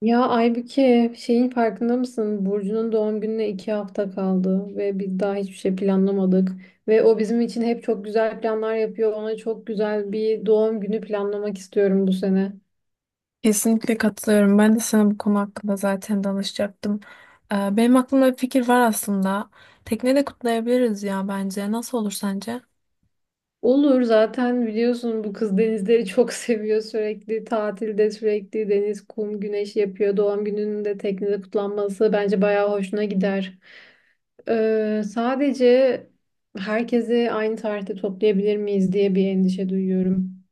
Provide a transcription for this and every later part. Ya Aybüke şeyin farkında mısın? Burcu'nun doğum gününe 2 hafta kaldı ve biz daha hiçbir şey planlamadık. Ve o bizim için hep çok güzel planlar yapıyor. Ona çok güzel bir doğum günü planlamak istiyorum bu sene. Kesinlikle katılıyorum. Ben de sana bu konu hakkında zaten danışacaktım. Benim aklımda bir fikir var aslında. Tekne de kutlayabiliriz ya bence. Nasıl olur sence? Olur, zaten biliyorsun bu kız denizleri çok seviyor sürekli. Tatilde sürekli deniz, kum, güneş yapıyor. Doğum gününün de teknede kutlanması bence bayağı hoşuna gider. Sadece herkesi aynı tarihte toplayabilir miyiz diye bir endişe duyuyorum.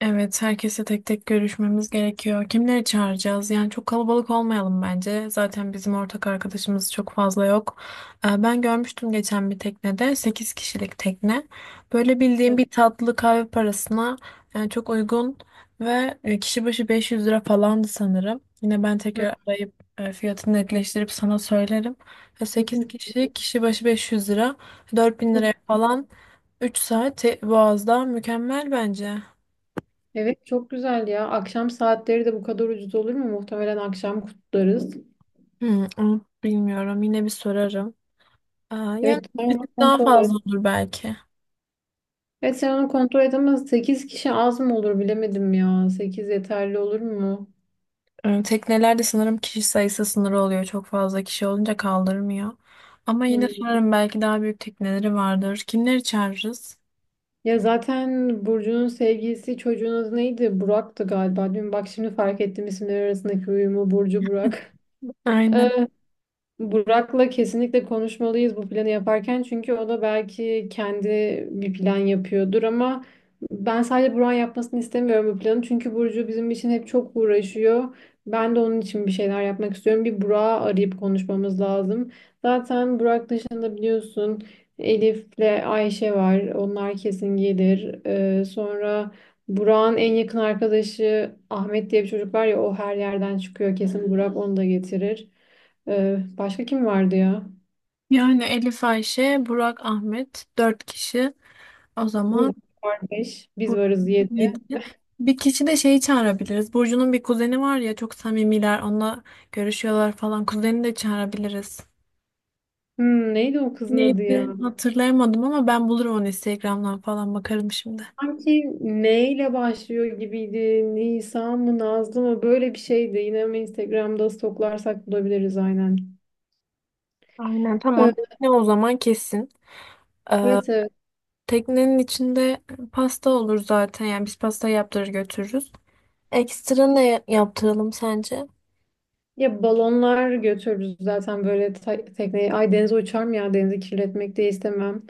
Evet, herkese tek tek görüşmemiz gerekiyor. Kimleri çağıracağız? Yani çok kalabalık olmayalım bence. Zaten bizim ortak arkadaşımız çok fazla yok. Ben görmüştüm geçen bir teknede 8 kişilik tekne. Böyle bildiğim bir tatlı kahve parasına yani çok uygun ve kişi başı 500 lira falandı sanırım. Yine ben Hı. tekrar arayıp fiyatını netleştirip sana söylerim. Sekiz kişi kişi başı 500 lira, 4000 Çok- liraya falan 3 saat Boğaz'da mükemmel bence. Evet, çok güzel ya. Akşam saatleri de bu kadar ucuz olur mu? Muhtemelen akşam kutlarız. Hmm, onu bilmiyorum. Yine bir sorarım. Yani Evet, sen bir onu tık daha kontrol fazla et. olur belki. Evet, sen onu kontrol et ama 8 kişi az mı olur bilemedim ya. Sekiz yeterli olur mu? Teknelerde sanırım kişi sayısı sınırı oluyor. Çok fazla kişi olunca kaldırmıyor. Ama yine Hmm. sorarım, belki daha büyük tekneleri vardır. Kimleri çağırırız? Ya zaten Burcu'nun sevgilisi çocuğun adı neydi? Burak'tı galiba. Dün bak şimdi fark ettim isimler arasındaki uyumu, Burcu Burak. Aynen. Burak'la kesinlikle konuşmalıyız bu planı yaparken, çünkü o da belki kendi bir plan yapıyordur, ama ben sadece Burak'ın yapmasını istemiyorum bu planı, çünkü Burcu bizim için hep çok uğraşıyor. Ben de onun için bir şeyler yapmak istiyorum. Bir Burak'ı arayıp konuşmamız lazım. Zaten Burak dışında biliyorsun Elif'le Ayşe var. Onlar kesin gelir. Sonra Burak'ın en yakın arkadaşı Ahmet diye bir çocuk var ya, o her yerden çıkıyor. Kesin Burak onu da getirir. Başka kim vardı ya? Yani Elif, Ayşe, Burak, Ahmet dört kişi. O zaman Burcu var, 5. Biz Burcu varız, 7. yedi. Bir kişi de şeyi çağırabiliriz. Burcu'nun bir kuzeni var ya, çok samimiler. Onunla görüşüyorlar falan. Kuzeni de çağırabiliriz. Neydi o kızın adı ya? Neydi? Hatırlayamadım ama ben bulurum onu, Instagram'dan falan bakarım şimdi. Sanki N ile başlıyor gibiydi. Nisa mı, Nazlı mı? Böyle bir şeydi. Yine mi Instagram'da stoklarsak bulabiliriz, aynen. Aynen, Evet, tamam. Ne o zaman kesin. Ee, evet. Evet. Teknenin içinde pasta olur zaten. Yani biz pasta yaptırır götürürüz. Ekstra ne yaptıralım sence? Ya balonlar götürürüz zaten böyle tekneye. Ay, denize uçar mı ya? Denizi kirletmek de istemem.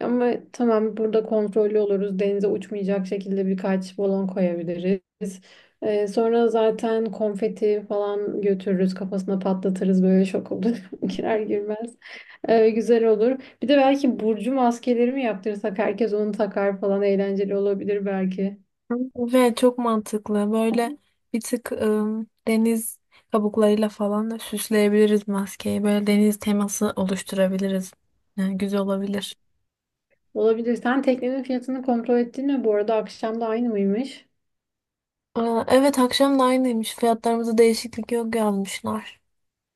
Ama tamam, burada kontrollü oluruz. Denize uçmayacak şekilde birkaç balon koyabiliriz. Sonra zaten konfeti falan götürürüz. Kafasına patlatırız, böyle şok olur. Girer girmez. Güzel olur. Bir de belki burcu maskeleri mi yaptırsak, herkes onu takar falan, eğlenceli olabilir belki. Hı. Ve çok mantıklı. Böyle bir tık deniz kabuklarıyla falan da süsleyebiliriz maskeyi. Böyle deniz teması oluşturabiliriz. Yani güzel olabilir. Olabilir. Sen teknenin fiyatını kontrol ettin mi? Bu arada akşam da aynı mıymış? Evet, akşam da aynıymış. Fiyatlarımızda değişiklik yok yazmışlar.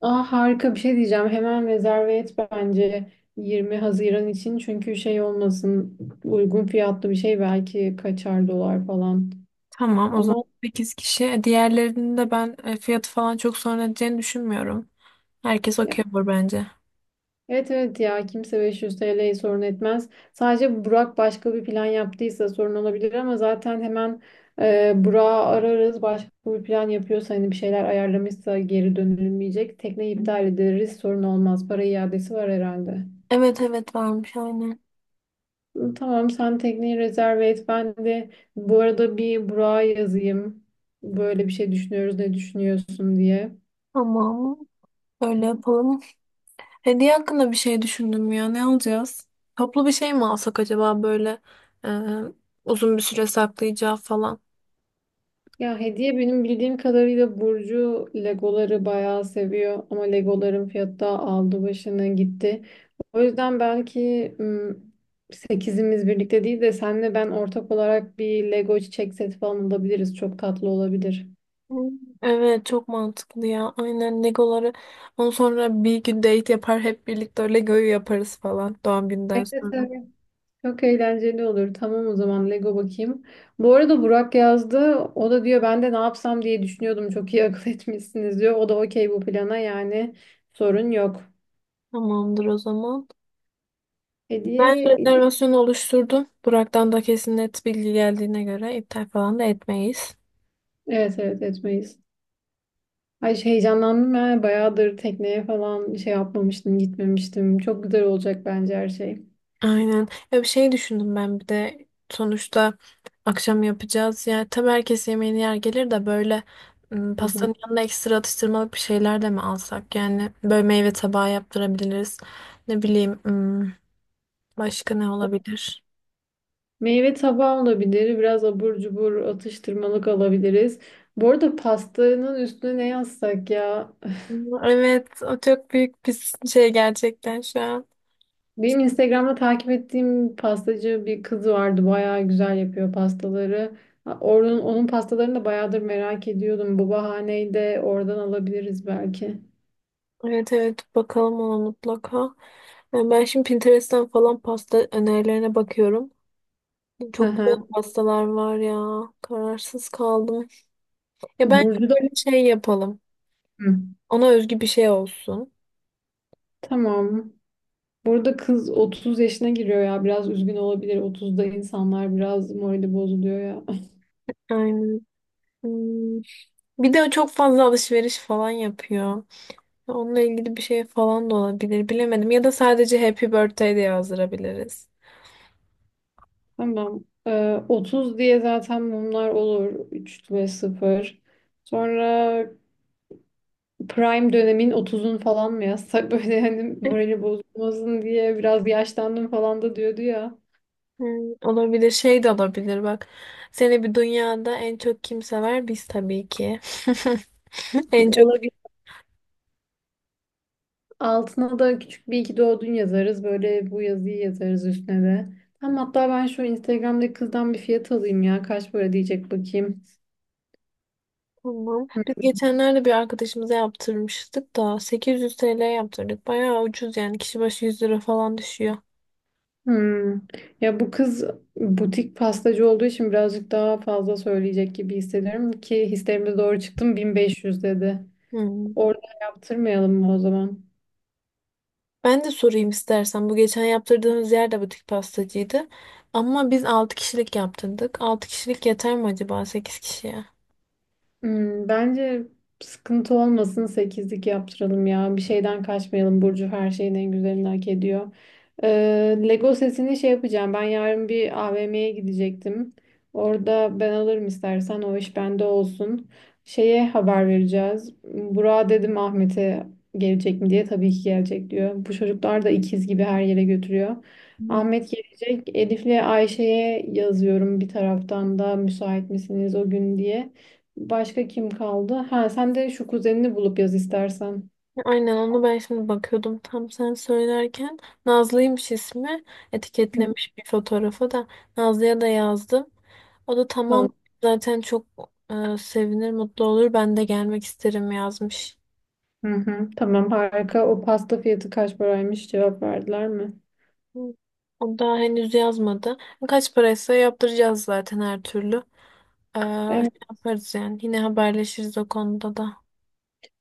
Aa, harika bir şey diyeceğim. Hemen rezerve et bence 20 Haziran için. Çünkü şey olmasın, uygun fiyatlı bir şey belki kaçar, dolar falan. Tamam, o zaman Ama 8 kişi. Diğerlerinin de ben fiyatı falan çok sorun edeceğini düşünmüyorum. Herkes ya, okey olur bence. evet, evet ya, kimse 500 TL'yi sorun etmez. Sadece Burak başka bir plan yaptıysa sorun olabilir ama zaten hemen Burak'ı ararız. Başka bir plan yapıyorsa, hani bir şeyler ayarlamışsa geri dönülmeyecek. Tekneyi iptal ederiz, sorun olmaz. Para iadesi var herhalde. Evet, evet, varmış aynen. Tamam, sen tekneyi rezerve et. Ben de bu arada bir Burak'a yazayım. Böyle bir şey düşünüyoruz, ne düşünüyorsun diye. Tamam, öyle yapalım. Hediye hakkında bir şey düşündüm ya. Ne alacağız? Toplu bir şey mi alsak acaba, böyle e, uzun bir süre saklayacağı falan. Ya hediye, benim bildiğim kadarıyla Burcu Legoları bayağı seviyor. Ama Legoların fiyatı da aldı başını gitti. O yüzden belki sekizimiz birlikte değil de senle ben ortak olarak bir Lego çiçek seti falan alabiliriz. Çok tatlı olabilir. Hmm, evet, çok mantıklı ya. Aynen, Legoları. Ondan sonra bir gün date yapar, hep birlikte Lego'yu yaparız falan, doğum günden Evet, sonra. evet. Çok eğlenceli olur. Tamam, o zaman Lego bakayım. Bu arada Burak yazdı. O da diyor ben de ne yapsam diye düşünüyordum. Çok iyi akıl etmişsiniz diyor. O da okey bu plana, yani sorun yok. Tamamdır o zaman. Ben Hediye. rezervasyonu oluşturdum. Burak'tan da kesin net bilgi geldiğine göre iptal falan da etmeyiz. Evet, evet, etmeyiz. Ay şey, heyecanlandım ben. Bayağıdır tekneye falan şey yapmamıştım, gitmemiştim. Çok güzel olacak bence her şey. Aynen. Ya bir şey düşündüm ben bir de, sonuçta akşam yapacağız. Yani tabii herkes yemeğini yer gelir de, böyle Hı hı. pastanın yanına ekstra atıştırmalık bir şeyler de mi alsak? Yani böyle meyve tabağı yaptırabiliriz. Ne bileyim. Başka ne olabilir? Meyve tabağı olabilir. Biraz abur cubur atıştırmalık alabiliriz. Bu arada pastanın üstüne ne yazsak ya? Evet, o çok büyük bir şey gerçekten şu an. Benim Instagram'da takip ettiğim pastacı bir kız vardı. Bayağı güzel yapıyor pastaları. Ha, onun pastalarını da bayağıdır merak ediyordum. Bu bahaneyi de oradan alabiliriz belki. Evet, evet, bakalım ona mutlaka. Yani ben şimdi Pinterest'ten falan pasta önerilerine bakıyorum. Hı Çok hı. güzel pastalar var ya. Kararsız kaldım. Ya bence Burcu da... böyle şey yapalım. Hı. Ona özgü bir şey olsun. Tamam. Burada kız 30 yaşına giriyor ya. Biraz üzgün olabilir. 30'da insanlar biraz morali bozuluyor ya. Aynen. Hmm. Bir de o çok fazla alışveriş falan yapıyor. Onunla ilgili bir şey falan da olabilir. Bilemedim. Ya da sadece Happy Birthday diye yazdırabiliriz. Tamam. 30 diye zaten mumlar olur. 3 ve sıfır. Sonra Prime dönemin, otuzun falan mı yazsak, böyle hani morali bozulmasın diye, biraz yaşlandım falan da diyordu ya. Hmm, olabilir, şey de olabilir bak. Seni bir dünyada en çok kim sever? Biz tabii ki. En çok Olabilir. Altına da küçük bir iki doğdun yazarız. Böyle bu yazıyı yazarız üstüne de. Tamam, hatta ben şu Instagram'daki kızdan bir fiyat alayım ya. Kaç para diyecek bakayım. tamam. Biz geçenlerde bir arkadaşımıza yaptırmıştık da 800 TL yaptırdık. Bayağı ucuz yani, kişi başı 100 lira falan düşüyor. Hmm. Ya bu kız butik pastacı olduğu için birazcık daha fazla söyleyecek gibi hissediyorum, ki hislerimiz doğru çıktım, 1500 dedi. Hmm. Orada yaptırmayalım mı o zaman? Ben de sorayım istersen. Bu geçen yaptırdığımız yer de butik pastacıydı. Ama biz 6 kişilik yaptırdık. Altı kişilik yeter mi acaba 8 kişiye? Bence sıkıntı olmasın, sekizlik yaptıralım ya. Bir şeyden kaçmayalım. Burcu her şeyin en güzelini hak ediyor. Lego setini şey yapacağım. Ben yarın bir AVM'ye gidecektim. Orada ben alırım, istersen o iş bende olsun. Şeye haber vereceğiz. Burak'a dedim Ahmet'e gelecek mi diye. Tabii ki gelecek diyor. Bu çocuklar da ikiz gibi, her yere götürüyor. Ahmet gelecek. Elif'le Ayşe'ye yazıyorum bir taraftan da, müsait misiniz o gün diye. Başka kim kaldı? Ha, sen de şu kuzenini bulup yaz istersen. Aynen, onu ben şimdi bakıyordum tam sen söylerken. Nazlı'ymış ismi. Hı. Etiketlemiş bir fotoğrafa da. Nazlı'ya da yazdım. O da Tamam. tamam, zaten çok sevinir, mutlu olur. Ben de gelmek isterim yazmış. Hı hı, tamam, harika. O pasta fiyatı kaç paraymış, cevap verdiler mi? Hı. O daha henüz yazmadı. Kaç paraysa yaptıracağız zaten her türlü. Evet. Şey yaparız yani. Yine haberleşiriz o konuda da.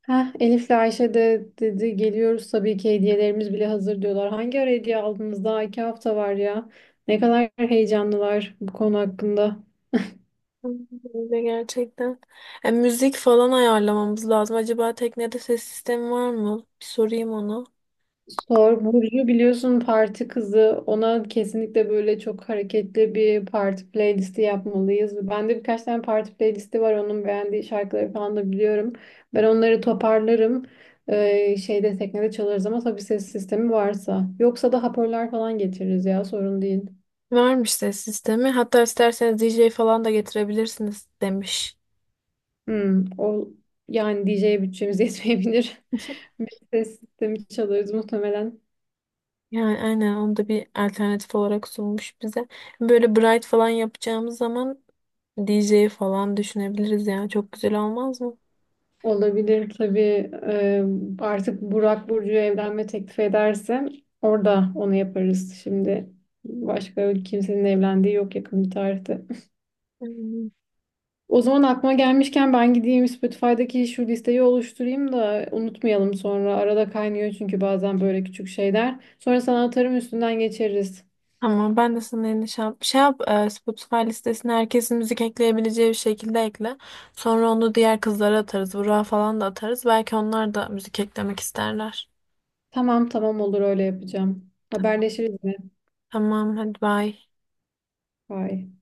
Heh, Elif'le Ayşe de dedi geliyoruz tabii ki, hediyelerimiz bile hazır diyorlar. Hangi ara hediye aldınız? Daha 2 hafta var ya. Ne kadar heyecanlılar bu konu hakkında. Öyle gerçekten. E, müzik falan ayarlamamız lazım. Acaba teknede ses sistemi var mı? Bir sorayım onu. Sor. Burcu biliyorsun parti kızı. Ona kesinlikle böyle çok hareketli bir parti playlisti yapmalıyız. Bende birkaç tane parti playlisti var. Onun beğendiği şarkıları falan da biliyorum. Ben onları toparlarım. Şeyde, teknede çalarız ama tabii ses sistemi varsa. Yoksa da hoparlör falan getiririz ya, sorun değil. Varmış ses sistemi. Hatta isterseniz DJ falan da getirebilirsiniz demiş. O yani DJ'ye bütçemiz yetmeyebilir. Bir ses sistemi çalarız muhtemelen. Yani aynen, onu da bir alternatif olarak sunmuş bize. Böyle bright falan yapacağımız zaman DJ falan düşünebiliriz yani. Çok güzel olmaz mı? Olabilir tabii. Artık Burak Burcu'ya evlenme teklif ederse orada onu yaparız. Şimdi başka kimsenin evlendiği yok yakın bir tarihte. Hmm. O zaman aklıma gelmişken ben gideyim Spotify'daki şu listeyi oluşturayım da unutmayalım sonra. Arada kaynıyor çünkü bazen böyle küçük şeyler. Sonra sana atarım, üstünden geçeriz. Tamam, ben de sana yeni şey yap. Şey yap, Spotify listesine herkesin müzik ekleyebileceği bir şekilde ekle. Sonra onu diğer kızlara atarız. Burak'a falan da atarız. Belki onlar da müzik eklemek isterler. Tamam, tamam olur, öyle yapacağım. Tamam, Haberleşiriz mi? tamam, hadi bye. Bye.